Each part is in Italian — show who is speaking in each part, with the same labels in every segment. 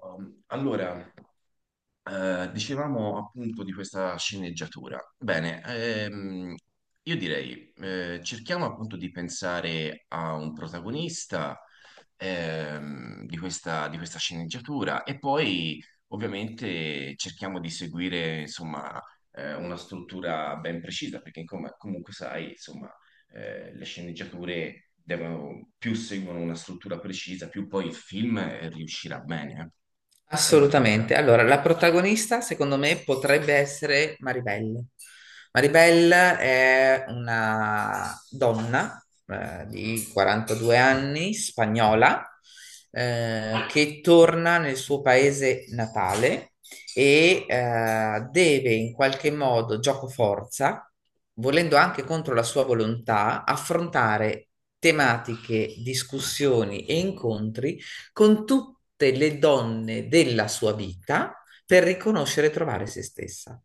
Speaker 1: Allora, dicevamo appunto di questa sceneggiatura. Bene, io direi, cerchiamo appunto di pensare a un protagonista, di questa sceneggiatura e poi ovviamente cerchiamo di seguire, insomma, una struttura ben precisa, perché comunque sai, insomma, le sceneggiature devono, più seguono una struttura precisa, più poi il film riuscirà bene. Hai qualche idea?
Speaker 2: Assolutamente. Allora, la protagonista, secondo me, potrebbe essere Maribel. Maribel è una donna di 42 anni, spagnola, che torna nel suo paese natale e deve in qualche modo, gioco forza, volendo anche contro la sua volontà, affrontare tematiche, discussioni e incontri con tutte le donne della sua vita per riconoscere e trovare se stessa.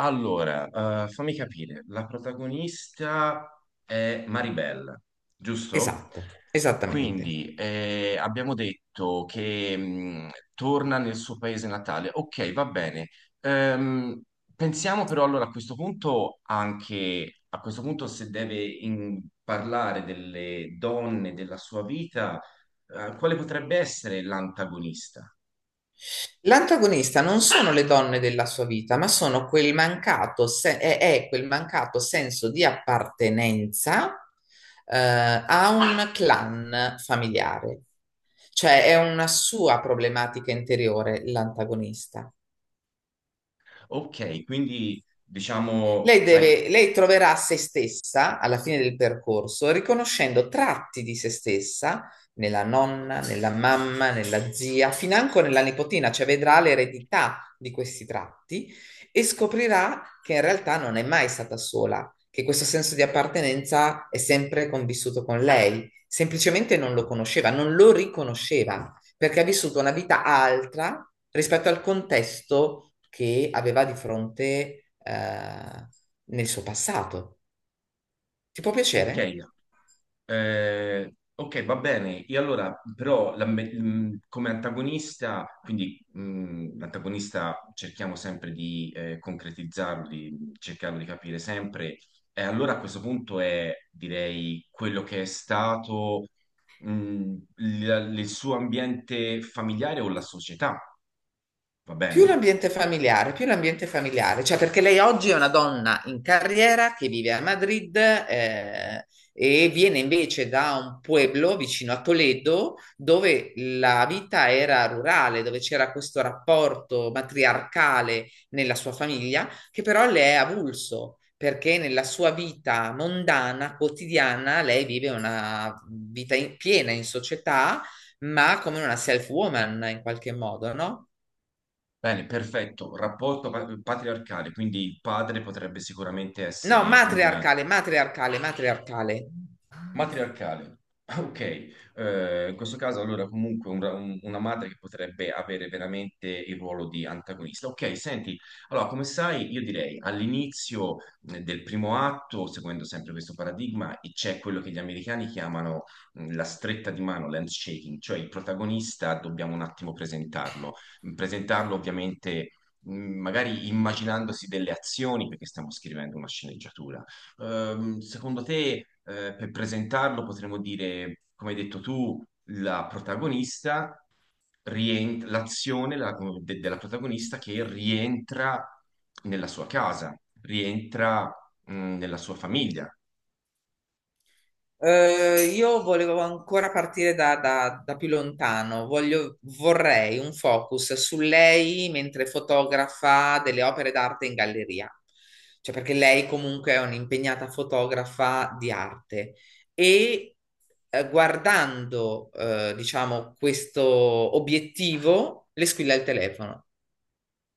Speaker 1: Allora, fammi capire, la protagonista è Maribel, giusto?
Speaker 2: Esatto, esattamente.
Speaker 1: Quindi abbiamo detto che torna nel suo paese natale. Ok, va bene. Ehm, pensiamo però allora a questo punto anche, a questo punto se deve parlare delle donne della sua vita, quale potrebbe essere l'antagonista?
Speaker 2: L'antagonista non sono le donne della sua vita, ma sono quel mancato se- è quel mancato senso di appartenenza a un clan familiare. Cioè è una sua problematica interiore l'antagonista.
Speaker 1: Ok, quindi diciamo, sai.
Speaker 2: Lei troverà se stessa alla fine del percorso, riconoscendo tratti di se stessa nella nonna, nella mamma, nella zia, financo nella nipotina, cioè vedrà l'eredità di questi tratti e scoprirà che in realtà non è mai stata sola, che questo senso di appartenenza è sempre convissuto con lei, semplicemente non lo conosceva, non lo riconosceva perché ha vissuto una vita altra rispetto al contesto che aveva di fronte nel suo passato. Ti può
Speaker 1: Ok,
Speaker 2: piacere?
Speaker 1: ok, va bene. E allora, però, la come antagonista, quindi l'antagonista cerchiamo sempre di concretizzarlo, di cercarlo di capire sempre. E allora a questo punto è, direi, quello che è stato il suo ambiente familiare o la società, va bene?
Speaker 2: Più l'ambiente familiare, cioè perché lei oggi è una donna in carriera che vive a Madrid e viene invece da un pueblo vicino a Toledo dove la vita era rurale, dove c'era questo rapporto matriarcale nella sua famiglia, che però le è avulso perché nella sua vita mondana, quotidiana, lei vive una piena in società, ma come una self-woman in qualche modo, no?
Speaker 1: Bene, perfetto. Rapporto patriarcale, quindi il padre potrebbe sicuramente
Speaker 2: No,
Speaker 1: essere un.
Speaker 2: matriarcale, matriarcale, matriarcale.
Speaker 1: Matriarcale. Ok, in questo caso allora comunque un una madre che potrebbe avere veramente il ruolo di antagonista. Ok, senti, allora come sai io direi all'inizio del primo atto, seguendo sempre questo paradigma, e c'è quello che gli americani chiamano la stretta di mano, l'handshaking, cioè il protagonista dobbiamo un attimo presentarlo. Presentarlo ovviamente magari immaginandosi delle azioni perché stiamo scrivendo una sceneggiatura, secondo te, per presentarlo, potremmo dire, come hai detto tu, la protagonista rientra, della protagonista che rientra nella sua casa, rientra, nella sua famiglia.
Speaker 2: Io volevo ancora partire da più lontano. Vorrei un focus su lei mentre fotografa delle opere d'arte in galleria. Cioè, perché lei comunque è un'impegnata fotografa di arte. E guardando, diciamo, questo obiettivo, le squilla il telefono.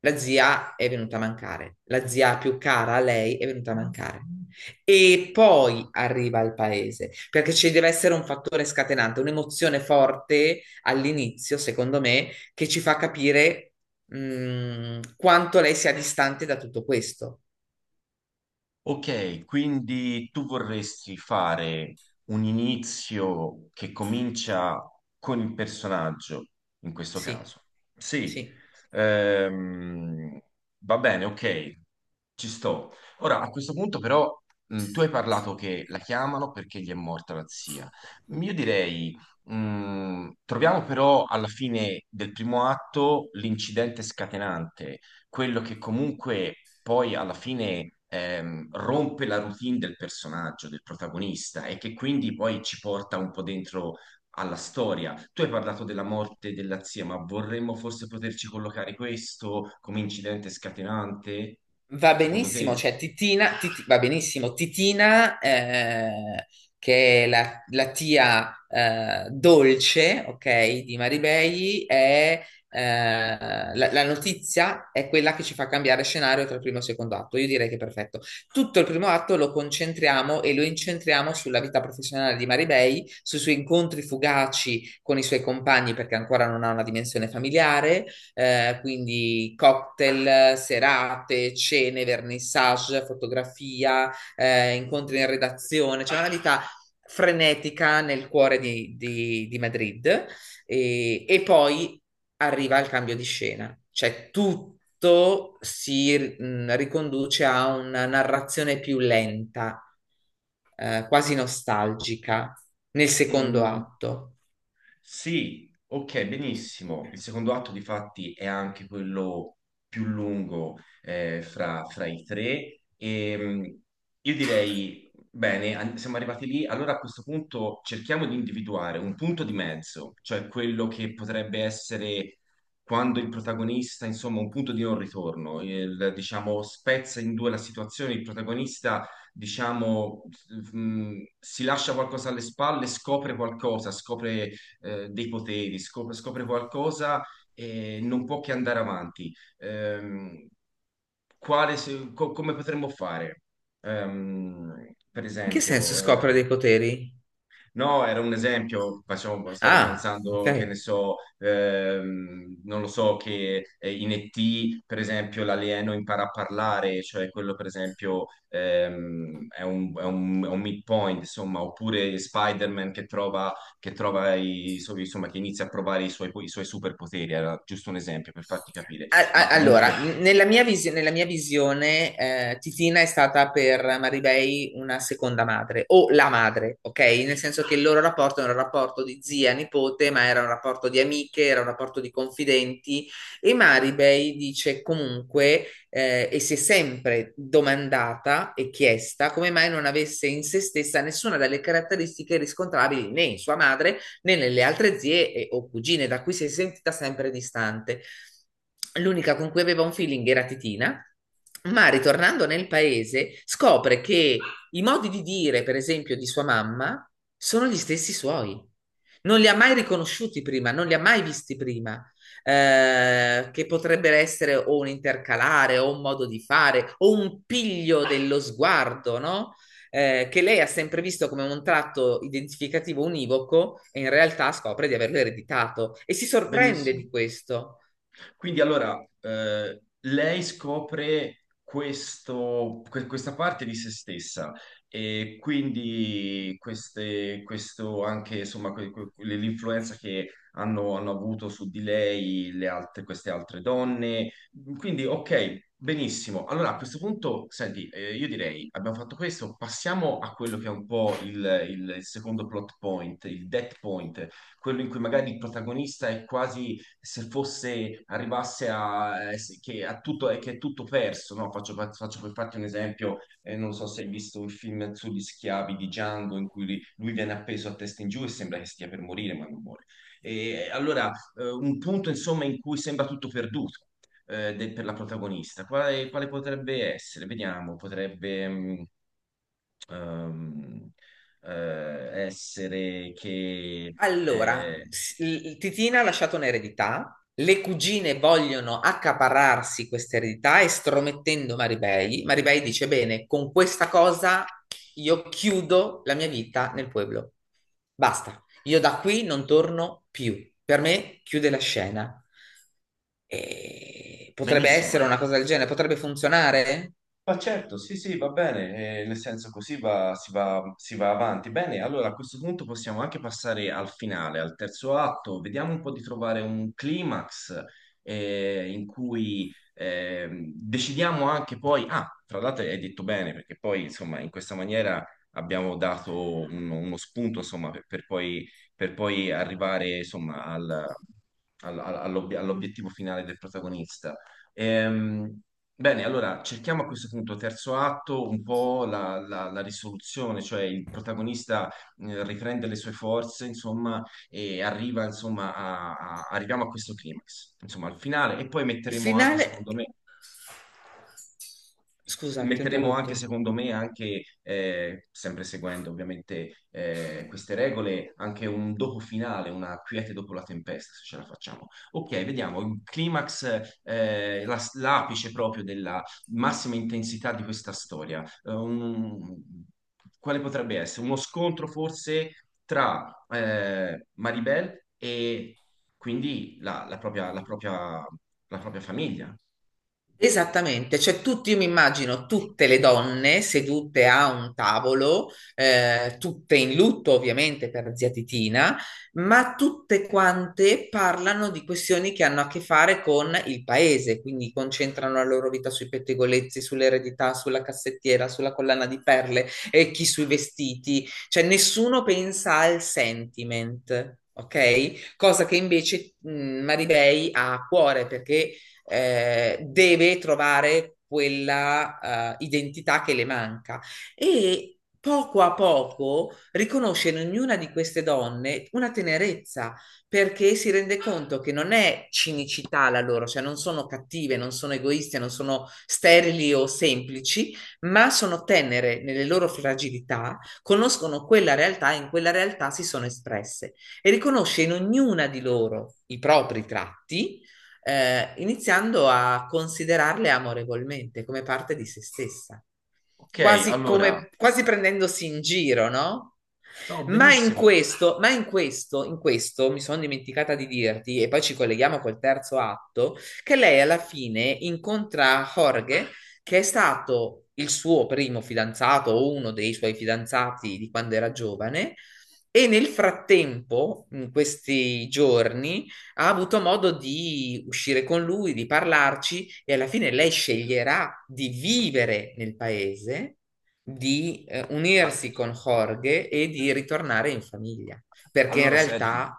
Speaker 2: La zia è venuta a mancare, la zia più cara a lei è venuta a mancare. E poi arriva al paese, perché ci deve essere un fattore scatenante, un'emozione forte all'inizio, secondo me, che ci fa capire, quanto lei sia distante da tutto questo.
Speaker 1: Ok, quindi tu vorresti fare un inizio che comincia con il personaggio, in questo
Speaker 2: Sì,
Speaker 1: caso. Sì,
Speaker 2: sì.
Speaker 1: ehm, va bene, ok, ci sto. Ora, a questo punto però, tu hai parlato che la chiamano perché gli è morta la zia. Io direi, troviamo però alla fine del primo atto l'incidente scatenante, quello che comunque poi alla fine rompe la routine del personaggio, del protagonista, e che quindi poi ci porta un po' dentro alla storia. Tu hai parlato della morte della zia, ma vorremmo forse poterci collocare questo come incidente scatenante,
Speaker 2: Va
Speaker 1: secondo
Speaker 2: benissimo,
Speaker 1: te?
Speaker 2: cioè va benissimo, Titina, che è la tia dolce, ok, di Maribei, è, eh, la notizia è quella che ci fa cambiare scenario tra il primo e il secondo atto. Io direi che è perfetto. Tutto il primo atto lo concentriamo e lo incentriamo sulla vita professionale di Maribei, sui suoi incontri fugaci con i suoi compagni perché ancora non ha una dimensione familiare quindi cocktail, serate, cene, vernissage, fotografia, incontri in redazione, c'è una vita frenetica nel cuore di Madrid e poi arriva il cambio di scena, cioè tutto si riconduce a una narrazione più lenta, quasi nostalgica, nel secondo
Speaker 1: Mm.
Speaker 2: atto.
Speaker 1: Sì, ok, benissimo. Il secondo atto, difatti, è anche quello più lungo fra i tre. E, io direi, bene, siamo arrivati lì. Allora a questo punto cerchiamo di individuare un punto di mezzo, cioè quello che potrebbe essere quando il protagonista, insomma, un punto di non ritorno, il, diciamo, spezza in due la situazione, il protagonista diciamo, mh, si lascia qualcosa alle spalle, scopre qualcosa, scopre dei poteri, scopre qualcosa e non può che andare avanti. Quale come potremmo fare? Per
Speaker 2: In che senso
Speaker 1: esempio,
Speaker 2: scopre dei poteri?
Speaker 1: no, era un esempio, stavo
Speaker 2: Ah, ok.
Speaker 1: pensando che ne so, non lo so, che in E.T., per esempio, l'alieno impara a parlare, cioè quello per esempio è è un midpoint, insomma, oppure Spider-Man che trova insomma, che inizia a provare i suoi superpoteri, era giusto un esempio per farti capire, ma
Speaker 2: Allora,
Speaker 1: comunque,
Speaker 2: nella nella mia visione, Titina è stata per Maribei una seconda madre o la madre, ok? Nel senso che il loro rapporto era un rapporto di zia-nipote, ma era un rapporto di amiche, era un rapporto di confidenti e Maribei dice comunque e si è sempre domandata e chiesta come mai non avesse in se stessa nessuna delle caratteristiche riscontrabili né in sua madre né nelle altre zie o cugine, da cui si è sentita sempre distante. L'unica con cui aveva un feeling era Titina, ma ritornando nel paese scopre che i modi di dire, per esempio, di sua mamma sono gli stessi suoi. Non li ha mai riconosciuti prima, non li ha mai visti prima. Che potrebbero essere o un intercalare o un modo di fare o un piglio dello sguardo, no? Che lei ha sempre visto come un tratto identificativo univoco e in realtà scopre di averlo ereditato e si sorprende
Speaker 1: benissimo.
Speaker 2: di questo.
Speaker 1: Quindi allora lei scopre questa parte di se stessa e quindi questo anche insomma l'influenza che hanno avuto su di lei queste altre donne. Quindi ok, benissimo. Allora a questo punto, senti, io direi abbiamo fatto questo, passiamo a quello che è un po' il secondo plot point, il death point, quello in cui magari il protagonista è quasi se fosse, arrivasse a, a tutto, che è tutto perso, no? Faccio per farti un esempio, non so se hai visto il film sugli schiavi di Django in cui lui viene appeso a testa in giù e sembra che stia per morire, ma non muore. E allora, un punto insomma in cui sembra tutto perduto. Per la protagonista, quale potrebbe essere? Vediamo, potrebbe ehm, essere che
Speaker 2: Allora,
Speaker 1: eh,
Speaker 2: Titina ha lasciato un'eredità, le cugine vogliono accaparrarsi questa eredità estromettendo Maribei. Maribei dice: Bene, con questa cosa io chiudo la mia vita nel pueblo. Basta, io da qui non torno più. Per me chiude la scena. E potrebbe essere
Speaker 1: benissimo.
Speaker 2: una cosa del genere, potrebbe funzionare.
Speaker 1: Ma certo, sì, sì, va bene, nel senso così si va avanti. Bene, allora a questo punto possiamo anche passare al finale, al terzo atto, vediamo un po' di trovare un climax in cui decidiamo anche poi, ah, tra l'altro hai detto bene, perché poi insomma in questa maniera abbiamo dato uno spunto insomma per poi arrivare insomma all'obiettivo finale del protagonista. Ehm, Bene, allora cerchiamo a questo punto, terzo atto, un po' la risoluzione, cioè il protagonista riprende le sue forze, insomma, e arriva, insomma, arriviamo a questo climax, insomma, al finale, e poi
Speaker 2: Il
Speaker 1: metteremo anche,
Speaker 2: finale.
Speaker 1: secondo me,
Speaker 2: Scusa, ti ho
Speaker 1: metteremo anche,
Speaker 2: interrotto.
Speaker 1: secondo me, anche, sempre seguendo ovviamente queste regole, anche un dopo finale, una quiete dopo la tempesta, se ce la facciamo. Ok, vediamo il climax, l'apice proprio della massima intensità di questa storia. Quale potrebbe essere? Uno scontro forse tra Maribel e quindi la propria famiglia.
Speaker 2: Esattamente, cioè tutti, io mi immagino tutte le donne sedute a un tavolo, tutte in lutto ovviamente per la zia Titina, ma tutte quante parlano di questioni che hanno a che fare con il paese, quindi concentrano la loro vita sui pettegolezzi, sull'eredità, sulla cassettiera, sulla collana di perle e chi sui vestiti, cioè nessuno pensa al sentiment. Ok? Cosa che invece Maribei ha a cuore perché deve trovare quella identità che le manca e poco a poco riconosce in ognuna di queste donne una tenerezza perché si rende conto che non è cinicità la loro, cioè non sono cattive, non sono egoiste, non sono sterili o semplici, ma sono tenere nelle loro fragilità, conoscono quella realtà e in quella realtà si sono espresse e riconosce in ognuna di loro i propri tratti iniziando a considerarle amorevolmente come parte di se stessa,
Speaker 1: Ok,
Speaker 2: quasi
Speaker 1: allora,
Speaker 2: come, quasi prendendosi in giro, no?
Speaker 1: no, benissimo.
Speaker 2: In questo mi sono dimenticata di dirti, e poi ci colleghiamo col terzo atto, che lei alla fine incontra Jorge, che è stato il suo primo fidanzato o uno dei suoi fidanzati di quando era giovane, e nel frattempo, in questi giorni, ha avuto modo di uscire con lui, di parlarci e alla fine lei sceglierà di vivere nel paese, di
Speaker 1: Ah,
Speaker 2: unirsi con Jorge e di ritornare in famiglia, perché in
Speaker 1: allora, senti,
Speaker 2: realtà,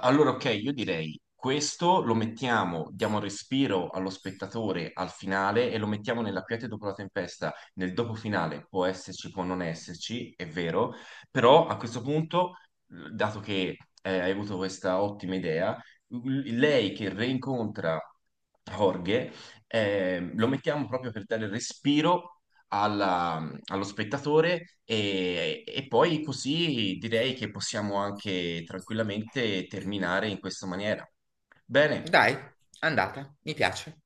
Speaker 1: allora ok, io direi questo lo mettiamo, diamo un respiro allo spettatore al finale e lo mettiamo nella quiete dopo la tempesta. Nel dopo finale può esserci, può non esserci, è vero, però a questo punto, dato che hai avuto questa ottima idea, lei che reincontra Jorge, lo mettiamo proprio per dare respiro allo spettatore e poi così direi che possiamo anche tranquillamente terminare in questa maniera. Bene.
Speaker 2: dai, andata, mi piace.